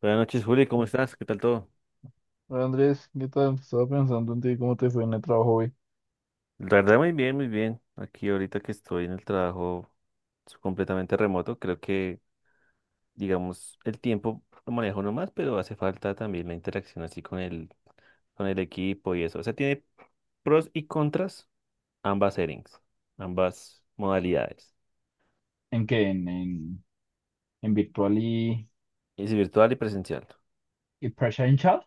Buenas noches, Juli, ¿cómo No. estás? ¿Qué tal todo? Hola, Andrés, ¿qué tal? Estaba pensando en ti, ¿cómo te fue en el trabajo hoy? La verdad, muy bien, muy bien. Aquí ahorita que estoy en el trabajo completamente remoto, creo que, digamos, el tiempo lo manejo más, pero hace falta también la interacción así con el equipo y eso. O sea, tiene pros y contras ambas settings, ambas modalidades. ¿En qué? ¿En virtual y, Es virtual y presencial. y presential? Chat?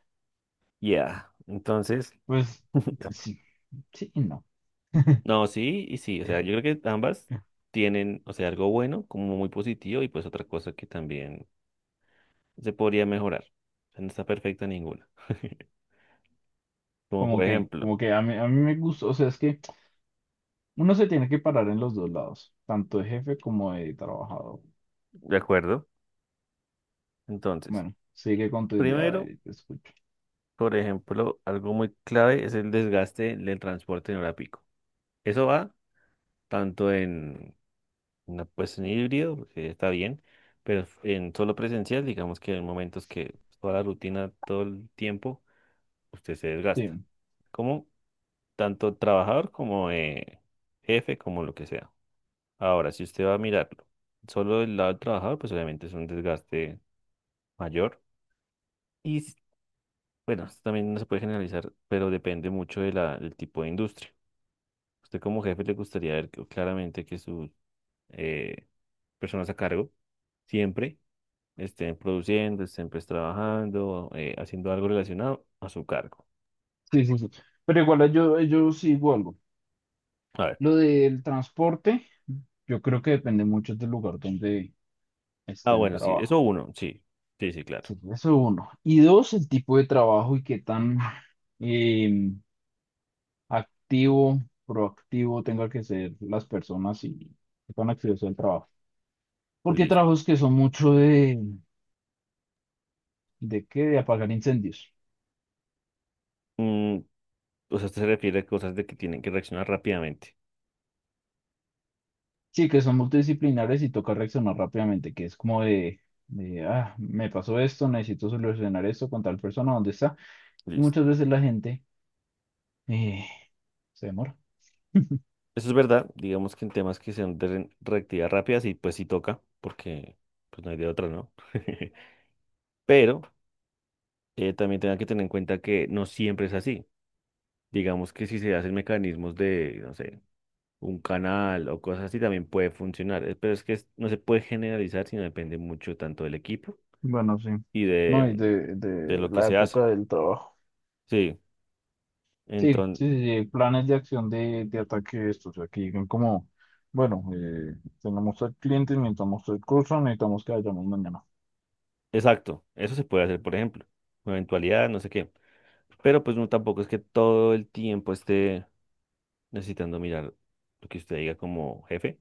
Yeah. Entonces, Pues sí, sí y no. no, sí y sí. O sea, yo creo que ambas tienen, o sea, algo bueno como muy positivo y pues otra cosa que también se podría mejorar. O sea, no está perfecta ninguna. Como Como por que, ejemplo, como que a mí me gustó, o sea, es que uno se tiene que parar en los dos lados, tanto de jefe como de trabajador. ¿de acuerdo? Entonces, Bueno, sigue con tu idea, a primero, ver, te escucho. por ejemplo, algo muy clave es el desgaste del transporte en hora pico. Eso va tanto en, una, pues, en híbrido, que está bien, pero en solo presencial, digamos que hay momentos que toda la rutina, todo el tiempo, usted se desgasta. Sí, Como tanto trabajador como jefe, como lo que sea. Ahora, si usted va a mirarlo, solo del lado del trabajador, pues obviamente es un desgaste mayor. Y s- bueno, esto también no se puede generalizar, pero depende mucho de la, del tipo de industria. Usted como jefe le gustaría ver claramente que sus eh, personas a cargo siempre estén produciendo, estén pues trabajando, haciendo algo relacionado a su cargo. sí, sí, sí. Pero igual yo sigo algo. A ver. Lo del transporte, yo creo que depende mucho del lugar donde Ah, esté el bueno, sí, eso trabajo. uno, sí, sí, sí, claro. Sí, pues, eso uno. Y dos, el tipo de trabajo y qué tan eh, activo, proactivo tenga que ser las personas y qué tan activo sea el trabajo. Porque hay Listo. trabajos que son mucho ¿de qué? De apagar incendios. Mm, o sea, usted se refiere a cosas de que tienen que reaccionar rápidamente. Sí, que son multidisciplinares y toca reaccionar rápidamente, que es como de, me pasó esto, necesito solucionar esto con tal persona, ¿dónde está? Y Listo. muchas veces la gente eh, se demora. Eso es verdad, digamos que en temas que sean de reactividad rápida, sí, pues sí toca, porque pues no hay de otra, ¿no? Pero también tenga que tener en cuenta que no siempre es así. Digamos que si se hacen mecanismos de, no sé, un canal o cosas así, también puede funcionar. Pero es que no se puede generalizar, sino depende mucho tanto del equipo Bueno, sí. y No, y de, de de lo que la se hace. época del trabajo. Sí, Sí, sí, entonces, sí, sí, planes de acción de ataque estos, o sea, que digan como, bueno, tenemos al cliente, necesitamos el curso, necesitamos que vayamos mañana. exacto, eso se puede hacer, por ejemplo, una eventualidad, no sé qué. Pero pues no, tampoco es que todo el tiempo esté necesitando mirar lo que usted diga como jefe,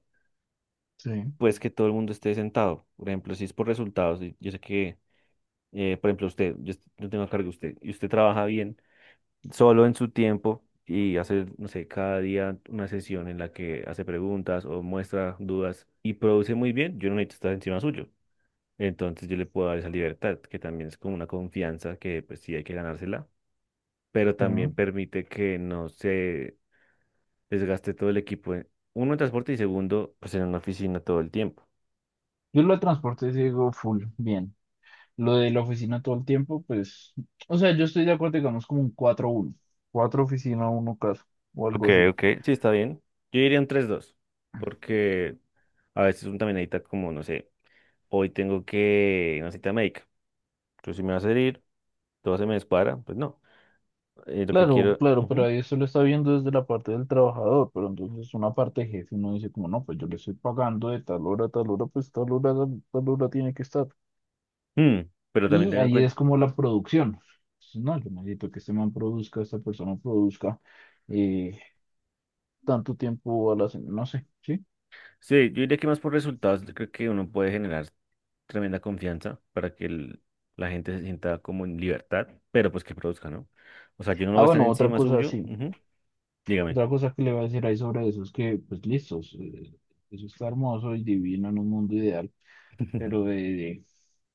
Sí, pues que todo el mundo esté sentado. Por ejemplo, si es por resultados, y yo sé que, por ejemplo, usted, yo, yo tengo a cargo de usted, y usted trabaja bien solo en su tiempo y hace, no sé, cada día una sesión en la que hace preguntas o muestra dudas y produce muy bien, yo no necesito estar encima suyo. Entonces yo le puedo dar esa libertad, que también es como una confianza que pues sí hay que ganársela, pero sí. también ¿No? permite que no se desgaste todo el equipo. Uno en transporte y segundo, pues en una oficina todo el tiempo. Yo lo de transporte sí digo full, bien. Lo de la oficina todo el tiempo, pues, o sea, yo estoy de acuerdo, digamos, como un cuatro uno, cuatro oficina, uno casa, o Ok, algo así. ok. Sí, está bien. Yo diría un 3-2 porque a veces uno también necesita como, no sé, hoy tengo que una cita médica. Yo si me vas a salir todo se me descuadra, pues no. Lo que Claro, quiero... claro, pero ujú. ahí eso lo está viendo desde la parte del trabajador, pero entonces una parte jefe, uno dice como, no, pues yo le estoy pagando de tal hora a tal hora, pues tal hora tiene que estar. Mm, pero también Y tengan en ahí cuenta... es como la producción. Entonces, no, yo necesito que este man produzca, esta persona produzca eh, tanto tiempo a la semana, no sé, ¿sí? Sí, yo diría que más por resultados, yo creo que uno puede generar tremenda confianza para que la gente se sienta como en libertad, pero pues que produzca, ¿no? O sea, yo no voy Ah, a estar bueno, otra encima cosa, suyo. sí. Ujú. Dígame. Otra cosa que le voy a decir ahí sobre eso es que, pues listos, eso está hermoso y divino en un mundo ideal, pero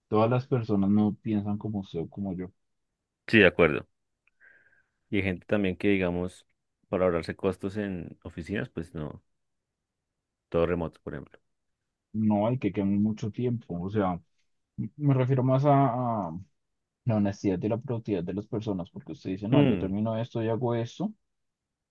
todas las personas no piensan como usted o como yo. Sí, de acuerdo. Y hay gente también que, digamos, para ahorrarse costos en oficinas, pues no, todo remoto, por ejemplo. No hay que quemar mucho tiempo, o sea, me refiero más a, la honestidad y la productividad de las personas, porque usted dice, no, yo Mm, termino esto y hago esto.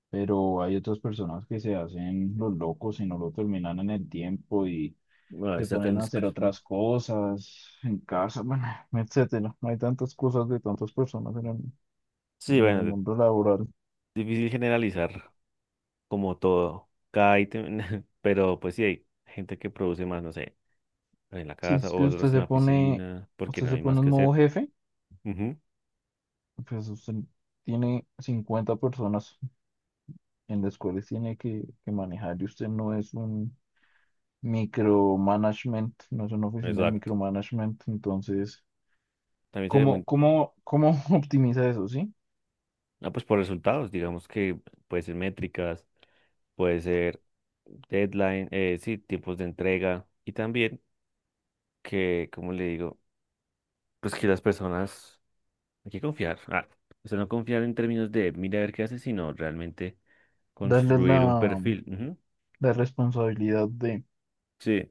Pero hay otras personas que se hacen los locos y no lo terminan en el tiempo y bueno, ahí se sacan ponen a hacer otras cosas en casa, bueno, etcétera. No hay tantas cosas de tantas personas en el, Sí, en bueno, el mundo laboral. difícil generalizar como todo, cada ítem, pero pues sí hay gente que produce más, no sé, en la Sí, casa es o que usted otros en se la pone, oficina, porque usted no se hay más pone en que modo hacer. jefe, Ujú. pues usted tiene 50 personas en las cuales tiene que manejar y usted no es un micromanagement, no es una oficina de Exacto. micromanagement, entonces, También se ve ¿cómo, muy... cómo, cómo optimiza eso, sí? Ah, pues por resultados, digamos que puede ser métricas, puede ser deadline, sí, tiempos de entrega y también que, como le digo, pues que las personas, hay que confiar. Ah, o sea, no confiar en términos de mira a ver qué hace, sino realmente Darle construir un la, perfil. Ujú. la responsabilidad de, Sí.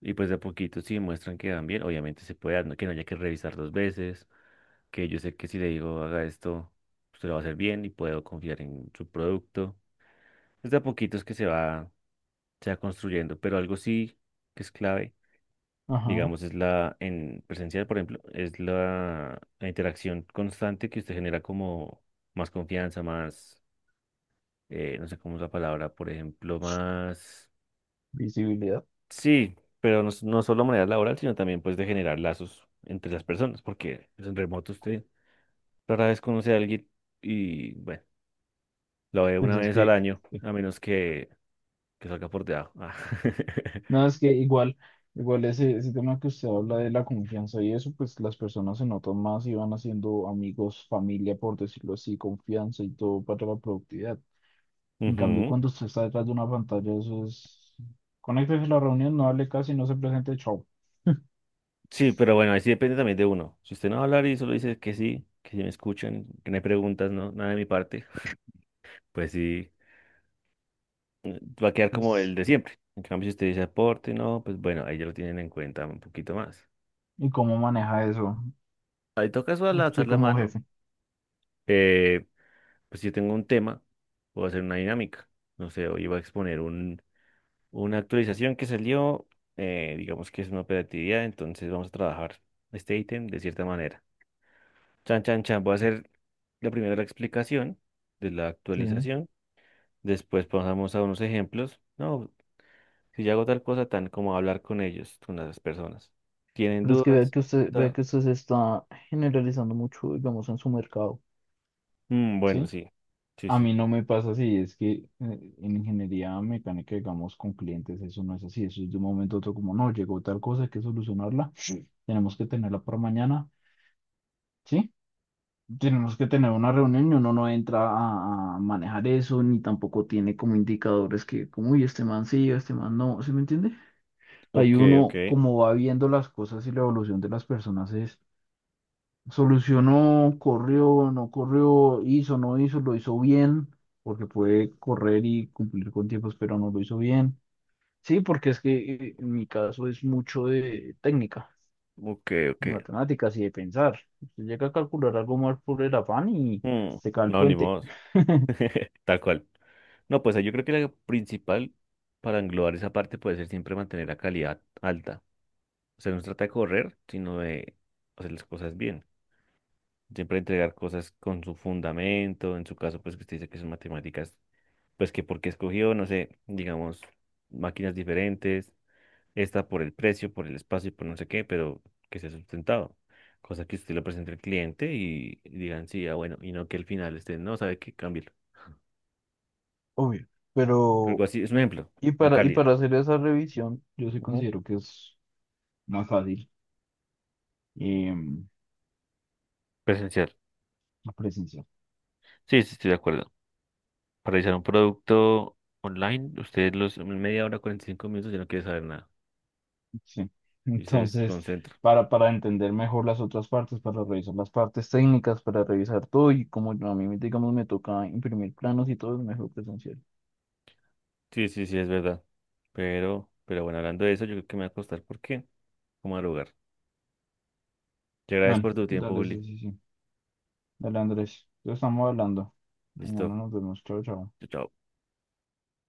Y pues de a poquito, si muestran que van bien, obviamente se puede, que no haya que revisar dos veces, que yo sé que si le digo haga esto, usted lo va a hacer bien y puedo confiar en su producto. Es de a poquitos que se va construyendo, pero algo sí que es clave ajá, digamos, es la, en presencial, por ejemplo, es la, la interacción constante que usted genera como más confianza, más, no sé cómo es la palabra, por ejemplo, más, visibilidad. sí, pero no, no solo manera laboral, sino también pues de generar lazos entre las personas, porque pues, en remoto usted rara vez conoce a alguien y, bueno, lo ve una Pues es vez que, al año, eh, a menos que salga por debajo. Ah. no, es que igual ese tema que usted habla de la confianza y eso, pues las personas se notan más y van haciendo amigos, familia, por decirlo así, confianza y todo para la productividad. En cambio, Ujú. cuando usted está detrás de una pantalla, eso es, conéctese a la reunión, no hable casi, no se presente, chao. Sí, pero bueno, ahí sí depende también de uno. Si usted no va a hablar y solo dice que sí me escuchan, que no hay preguntas, no, nada de mi parte, pues sí, va a quedar como Pues, el de siempre. En cambio, si usted dice aporte, no, pues bueno, ahí ya lo tienen en cuenta un poquito más. ¿y cómo maneja eso Ahí toca eso al alzar usted la como mano. jefe? eh, pues si yo tengo un tema, puedo hacer una dinámica. No sé, hoy iba a exponer un, una actualización que salió, digamos que es una operatividad, entonces vamos a trabajar este ítem de cierta manera. Chan, chan, chan. Voy a hacer la primera la explicación de la Sí. actualización. Después pasamos a unos ejemplos. No, si yo hago tal cosa, tan como hablar con ellos, con las personas. ¿Tienen Pero es que vea dudas? que usted, vea Ta- que usted se está generalizando mucho, digamos, en su mercado, bueno, ¿sí? sí. Sí, A sí, mí sí. no me pasa así, es que en ingeniería mecánica, digamos, con clientes, eso no es así, eso es de un momento a otro como, no, llegó tal cosa, hay que solucionarla, tenemos que tenerla para mañana, ¿sí? Tenemos que tener una reunión y uno no entra a, manejar eso, ni tampoco tiene como indicadores que, como, uy, este man sí, este man no, ¿sí me entiende? Ahí Ok, ok. uno, como va viendo las cosas y la evolución de las personas es solucionó, corrió, no corrió, hizo, no hizo, lo hizo bien, porque puede correr y cumplir con tiempos, pero no lo hizo bien. Sí, porque es que en mi caso es mucho de técnica Ok, ok. y matemáticas y de pensar. Usted llega a calcular algo más por el afán y Mm, se cae el no, ni puente, modo. Tal cual. No, pues yo creo que la principal para englobar esa parte puede ser siempre mantener la calidad alta. O sea, no se trata de correr, sino de hacer las cosas bien. Siempre entregar cosas con su fundamento. En su caso, pues que usted dice que son matemáticas, pues que porque escogió, no sé, digamos, máquinas diferentes. Esta por el precio, por el espacio y por no sé qué, pero que sea sustentado. Cosa que usted lo presente al cliente y digan, sí, ah, bueno, y no que al final usted no sabe qué, cámbialo. obvio. Algo Pero, así, es un ejemplo, y la para, y calidad. para hacer esa revisión, yo sí Ujú. considero que es más fácil eh, Presencial. la presencial. Sí, sí, estoy de acuerdo. Para realizar un producto online, usted los en media hora, 45 minutos, ya no quiere saber nada Sí. y se Entonces, desconcentra. para entender mejor las otras partes, para revisar las partes técnicas, para revisar todo y como a mí, digamos, me toca imprimir planos y todo es mejor presencial. Sí, sí, sí, es verdad. Pero bueno, hablando de eso, yo creo que me voy a acostar porque como al lugar. Te agradezco Bueno, por tu tiempo, dale, Juli. sí, sí, sí. Dale, Andrés. Ya estamos hablando. Mañana Listo. nos vemos. Chao, chao. Chao, chao.